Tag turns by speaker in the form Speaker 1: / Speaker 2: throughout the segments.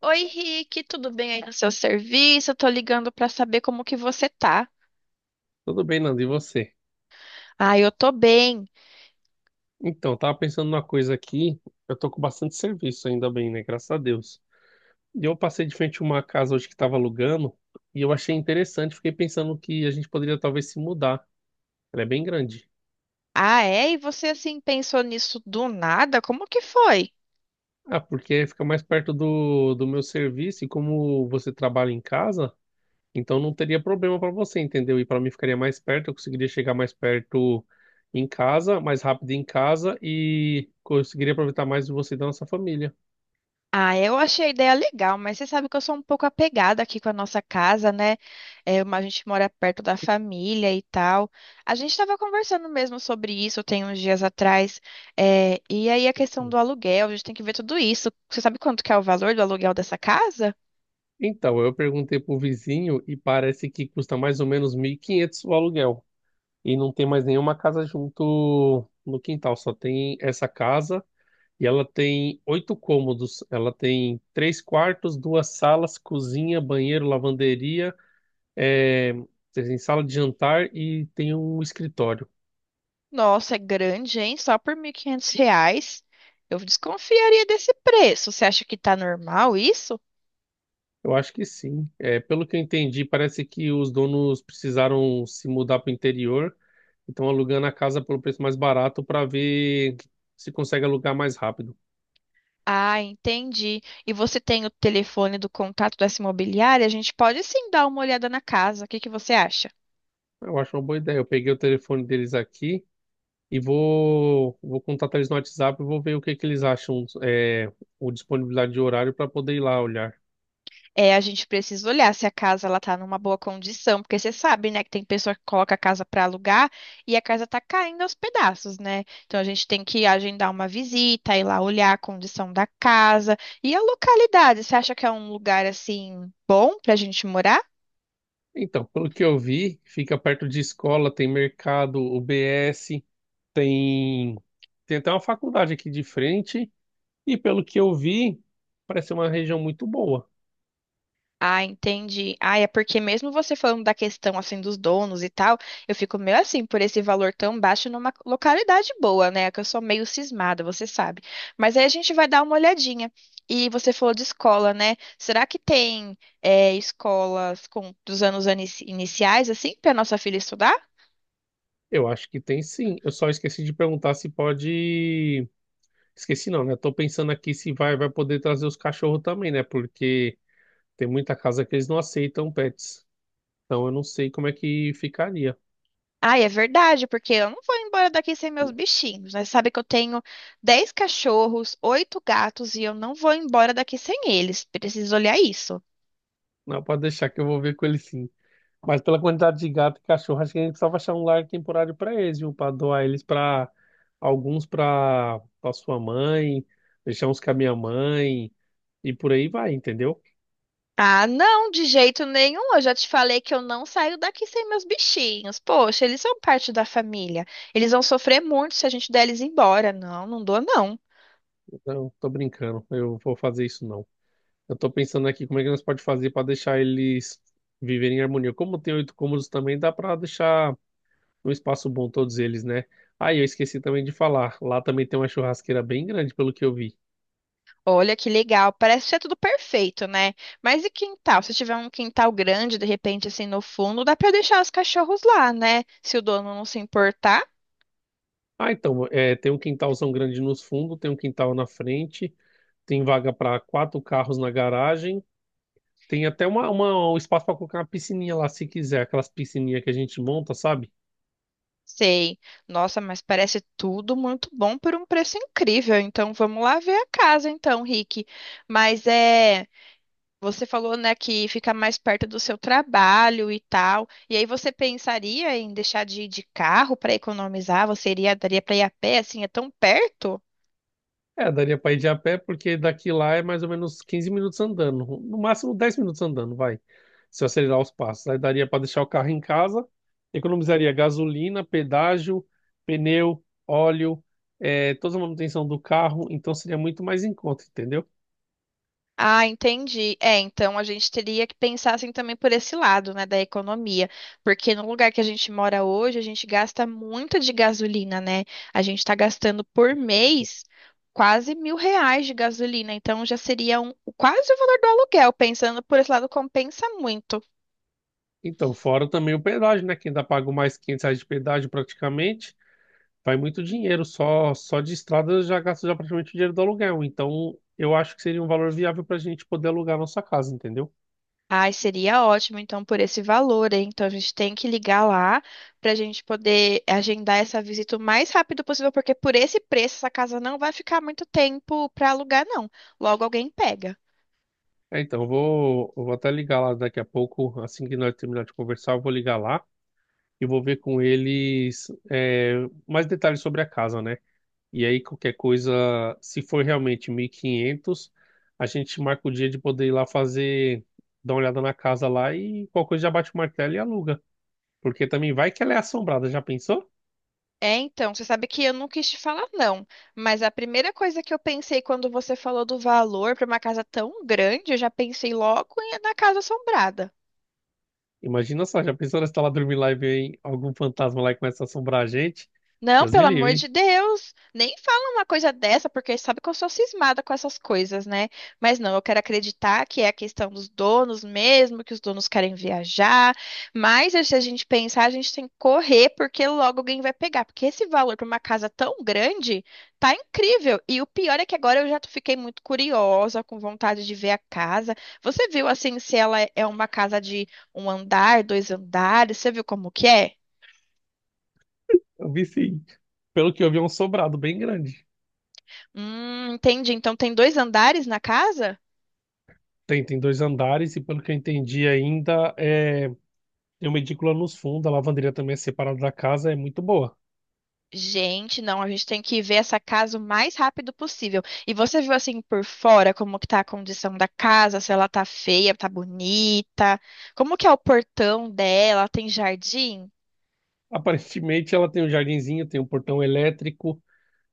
Speaker 1: Oi, Rick, tudo bem aí no seu serviço? Eu tô ligando pra saber como que você tá.
Speaker 2: Tudo bem, Nando, e você?
Speaker 1: Ah, eu tô bem.
Speaker 2: Então, eu tava pensando numa coisa aqui. Eu tô com bastante serviço ainda bem, né? Graças a Deus. E eu passei de frente a uma casa hoje que tava alugando e eu achei interessante. Fiquei pensando que a gente poderia talvez se mudar. Ela é bem grande.
Speaker 1: Ah, é? E você assim pensou nisso do nada? Como que foi?
Speaker 2: Ah, porque fica mais perto do meu serviço e como você trabalha em casa, então não teria problema para você, entendeu? E para mim ficaria mais perto, eu conseguiria chegar mais perto em casa, mais rápido em casa e conseguiria aproveitar mais de você e da nossa família.
Speaker 1: Ah, eu achei a ideia legal, mas você sabe que eu sou um pouco apegada aqui com a nossa casa, né? É, a gente mora perto da família e tal. A gente estava conversando mesmo sobre isso tem uns dias atrás. É, e aí a questão do aluguel, a gente tem que ver tudo isso. Você sabe quanto que é o valor do aluguel dessa casa?
Speaker 2: Então, eu perguntei pro vizinho e parece que custa mais ou menos 1.500 o aluguel. E não tem mais nenhuma casa junto no quintal, só tem essa casa e ela tem oito cômodos. Ela tem três quartos, duas salas, cozinha, banheiro, lavanderia, é, tem sala de jantar e tem um escritório.
Speaker 1: Nossa, é grande, hein? Só por 1.500 reais. Eu desconfiaria desse preço. Você acha que tá normal isso?
Speaker 2: Eu acho que sim. É, pelo que eu entendi, parece que os donos precisaram se mudar para o interior. Então alugando a casa pelo preço mais barato para ver se consegue alugar mais rápido.
Speaker 1: Ah, entendi. E você tem o telefone do contato dessa imobiliária? A gente pode sim dar uma olhada na casa. O que que você acha?
Speaker 2: Eu acho uma boa ideia. Eu peguei o telefone deles aqui e vou contatar eles no WhatsApp e vou ver o que que eles acham, o disponibilidade de horário para poder ir lá olhar.
Speaker 1: É, a gente precisa olhar se a casa ela tá numa boa condição, porque você sabe, né, que tem pessoa que coloca a casa para alugar e a casa tá caindo aos pedaços, né? Então a gente tem que agendar uma visita, ir lá olhar a condição da casa e a localidade. Você acha que é um lugar assim bom pra gente morar?
Speaker 2: Então, pelo que eu vi, fica perto de escola, tem mercado, UBS, tem até uma faculdade aqui de frente e pelo que eu vi, parece uma região muito boa.
Speaker 1: Ah, entendi. Ah, é porque mesmo você falando da questão assim dos donos e tal, eu fico meio assim por esse valor tão baixo numa localidade boa, né? Que eu sou meio cismada, você sabe. Mas aí a gente vai dar uma olhadinha. E você falou de escola, né? Será que tem é, escolas com dos anos iniciais assim para nossa filha estudar?
Speaker 2: Eu acho que tem sim. Eu só esqueci de perguntar se pode. Esqueci não, né? Tô pensando aqui se vai poder trazer os cachorros também, né? Porque tem muita casa que eles não aceitam pets. Então eu não sei como é que ficaria.
Speaker 1: Ah, é verdade, porque eu não vou embora daqui sem meus bichinhos, né? Sabe que eu tenho 10 cachorros, 8 gatos e eu não vou embora daqui sem eles. Preciso olhar isso.
Speaker 2: Não, pode deixar que eu vou ver com eles sim. Mas pela quantidade de gato e cachorro, acho que a gente só vai achar um lar temporário para eles, viu? Para doar eles para alguns para sua mãe, deixar uns com a minha mãe e por aí vai, entendeu?
Speaker 1: Ah, não, de jeito nenhum. Eu já te falei que eu não saio daqui sem meus bichinhos. Poxa, eles são parte da família. Eles vão sofrer muito se a gente der eles embora. Não, não dou, não.
Speaker 2: Não, tô brincando. Eu vou fazer isso não. Eu tô pensando aqui como é que nós pode fazer para deixar eles viverem em harmonia. Como tem oito cômodos também, dá para deixar um espaço bom todos eles, né? Ah, e eu esqueci também de falar. Lá também tem uma churrasqueira bem grande, pelo que eu vi.
Speaker 1: Olha que legal. Parece ser tudo perfeito, né? Mas e quintal? Se tiver um quintal grande, de repente, assim, no fundo, dá pra deixar os cachorros lá, né? Se o dono não se importar.
Speaker 2: Ah, então, é, tem um quintalzão grande nos fundos, tem um quintal na frente, tem vaga para quatro carros na garagem, tem até um espaço para colocar uma piscininha lá, se quiser, aquelas piscininhas que a gente monta, sabe?
Speaker 1: Sei. Nossa, mas parece tudo muito bom por um preço incrível. Então, vamos lá ver a casa, então, Rick. Mas é. Você falou, né, que fica mais perto do seu trabalho e tal. E aí você pensaria em deixar de ir de carro para economizar? Você iria, daria para ir a pé, assim, é tão perto?
Speaker 2: É, daria pra ir de a pé, porque daqui lá é mais ou menos 15 minutos andando. No máximo 10 minutos andando, vai. Se eu acelerar os passos. Aí daria pra deixar o carro em casa, economizaria gasolina, pedágio, pneu, óleo, é, toda a manutenção do carro. Então seria muito mais em conta, entendeu?
Speaker 1: Ah, entendi. É, então a gente teria que pensar assim também por esse lado, né, da economia, porque no lugar que a gente mora hoje, a gente gasta muito de gasolina, né? A gente está gastando por mês quase 1.000 reais de gasolina, então já seria um, quase o valor do aluguel. Pensando por esse lado, compensa muito.
Speaker 2: Então, fora também o pedágio, né? Quem ainda paga mais 500 reais de pedágio praticamente, vai muito dinheiro. Só de estrada eu já gasto já praticamente o dinheiro do aluguel. Então, eu acho que seria um valor viável pra gente poder alugar a nossa casa, entendeu?
Speaker 1: Ai, seria ótimo, então, por esse valor, hein? Então, a gente tem que ligar lá para a gente poder agendar essa visita o mais rápido possível, porque por esse preço, essa casa não vai ficar muito tempo para alugar, não. Logo alguém pega.
Speaker 2: É, então, eu vou até ligar lá daqui a pouco, assim que nós terminar de conversar, eu vou ligar lá e vou ver com eles, mais detalhes sobre a casa, né? E aí, qualquer coisa, se for realmente 1.500, a gente marca o dia de poder ir lá fazer, dar uma olhada na casa lá e qualquer coisa já bate o martelo e aluga. Porque também vai que ela é assombrada, já pensou?
Speaker 1: É, então, você sabe que eu não quis te falar, não, mas a primeira coisa que eu pensei quando você falou do valor para uma casa tão grande, eu já pensei logo na casa assombrada.
Speaker 2: Imagina só, já pensou nós tá lá dormindo lá e vem algum fantasma lá e começa a assombrar a gente?
Speaker 1: Não,
Speaker 2: Deus me
Speaker 1: pelo amor de
Speaker 2: livre.
Speaker 1: Deus, nem fala uma coisa dessa, porque sabe que eu sou cismada com essas coisas, né? Mas não, eu quero acreditar que é a questão dos donos mesmo, que os donos querem viajar. Mas se a gente pensar, a gente tem que correr, porque logo alguém vai pegar. Porque esse valor para uma casa tão grande tá incrível. E o pior é que agora eu já fiquei muito curiosa, com vontade de ver a casa. Você viu assim se ela é uma casa de um andar, dois andares? Você viu como que é?
Speaker 2: Eu vi sim. Pelo que eu vi, é um sobrado bem grande.
Speaker 1: Entendi. Então tem dois andares na casa?
Speaker 2: Tem, tem dois andares e pelo que eu entendi ainda, é, tem uma edícula nos fundos, a lavanderia também é separada da casa, é muito boa.
Speaker 1: Gente, não, a gente tem que ver essa casa o mais rápido possível. E você viu assim por fora como que tá a condição da casa, se ela tá feia, tá bonita, como que é o portão dela, tem jardim?
Speaker 2: Aparentemente ela tem um jardinzinho, tem um portão elétrico,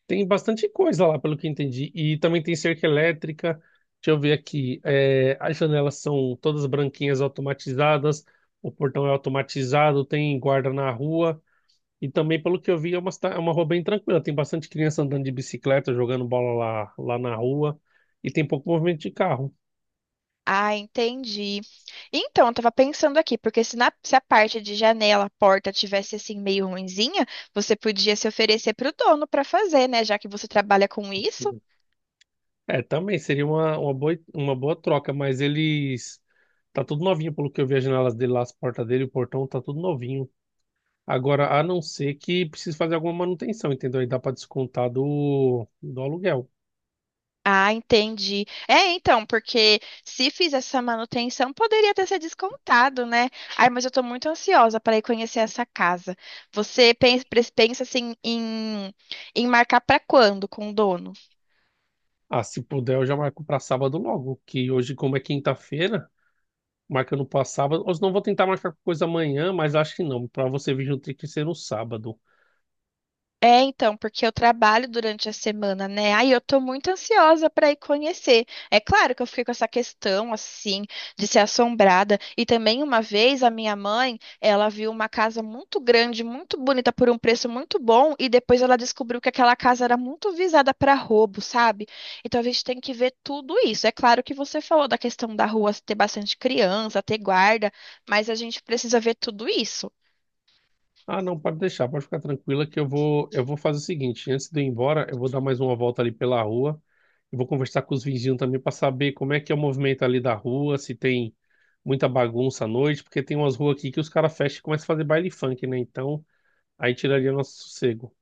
Speaker 2: tem bastante coisa lá, pelo que eu entendi. E também tem cerca elétrica, deixa eu ver aqui, é, as janelas são todas branquinhas automatizadas, o portão é automatizado, tem guarda na rua. E também, pelo que eu vi, é é uma rua bem tranquila. Tem bastante criança andando de bicicleta, jogando bola lá na rua. E tem pouco movimento de carro.
Speaker 1: Ah, entendi. Então, eu tava pensando aqui, porque se, se a parte de janela, porta tivesse assim meio ruinzinha, você podia se oferecer pro dono pra fazer, né? Já que você trabalha com isso.
Speaker 2: É, também seria uma boa troca, mas eles. Tá tudo novinho, pelo que eu vi, as janelas dele lá, as portas dele, o portão tá tudo novinho. Agora, a não ser que precise fazer alguma manutenção, entendeu? Aí dá para descontar do aluguel.
Speaker 1: Ah, entendi. É, então, porque se fiz essa manutenção, poderia ter sido descontado, né? Ai, mas eu tô muito ansiosa para ir conhecer essa casa. Você pensa, pensa assim em, em marcar para quando com o dono?
Speaker 2: Ah, se puder, eu já marco para sábado logo, que hoje, como é quinta-feira, marca no para sábado. Ou se não vou tentar marcar coisa amanhã, mas acho que não, para você vir no Trick ser no sábado.
Speaker 1: É, então, porque eu trabalho durante a semana, né? Aí eu tô muito ansiosa para ir conhecer. É claro que eu fiquei com essa questão, assim, de ser assombrada. E também uma vez a minha mãe, ela viu uma casa muito grande, muito bonita, por um preço muito bom, e depois ela descobriu que aquela casa era muito visada para roubo, sabe? Então a gente tem que ver tudo isso. É claro que você falou da questão da rua ter bastante criança, ter guarda, mas a gente precisa ver tudo isso.
Speaker 2: Ah, não, pode deixar, pode ficar tranquila que eu vou, fazer o seguinte, antes de eu ir embora, eu vou dar mais uma volta ali pela rua e vou conversar com os vizinhos também para saber como é que é o movimento ali da rua, se tem muita bagunça à noite, porque tem umas ruas aqui que os caras fecham e começam a fazer baile funk, né? Então, aí tiraria nosso sossego.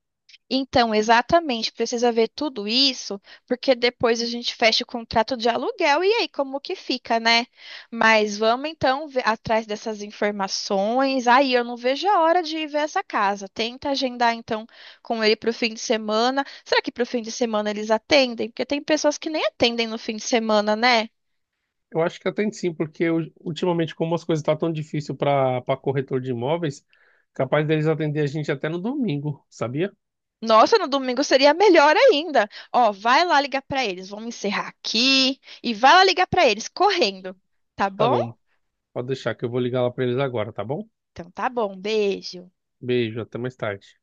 Speaker 1: Então, exatamente, precisa ver tudo isso, porque depois a gente fecha o contrato de aluguel e aí como que fica, né? Mas vamos então atrás dessas informações. Aí eu não vejo a hora de ir ver essa casa. Tenta agendar então com ele para o fim de semana. Será que para o fim de semana eles atendem? Porque tem pessoas que nem atendem no fim de semana, né?
Speaker 2: Eu acho que até sim, porque eu- ultimamente como as coisas estão tão difícil para corretor de imóveis, capaz deles atender a gente até no domingo, sabia?
Speaker 1: Nossa, no domingo seria melhor ainda. Ó, vai lá ligar para eles. Vamos encerrar aqui e vai lá ligar para eles correndo, tá
Speaker 2: Tá
Speaker 1: bom?
Speaker 2: bom, pode deixar que eu vou ligar lá para eles agora, tá bom?
Speaker 1: Então tá bom, beijo.
Speaker 2: Beijo, até mais tarde.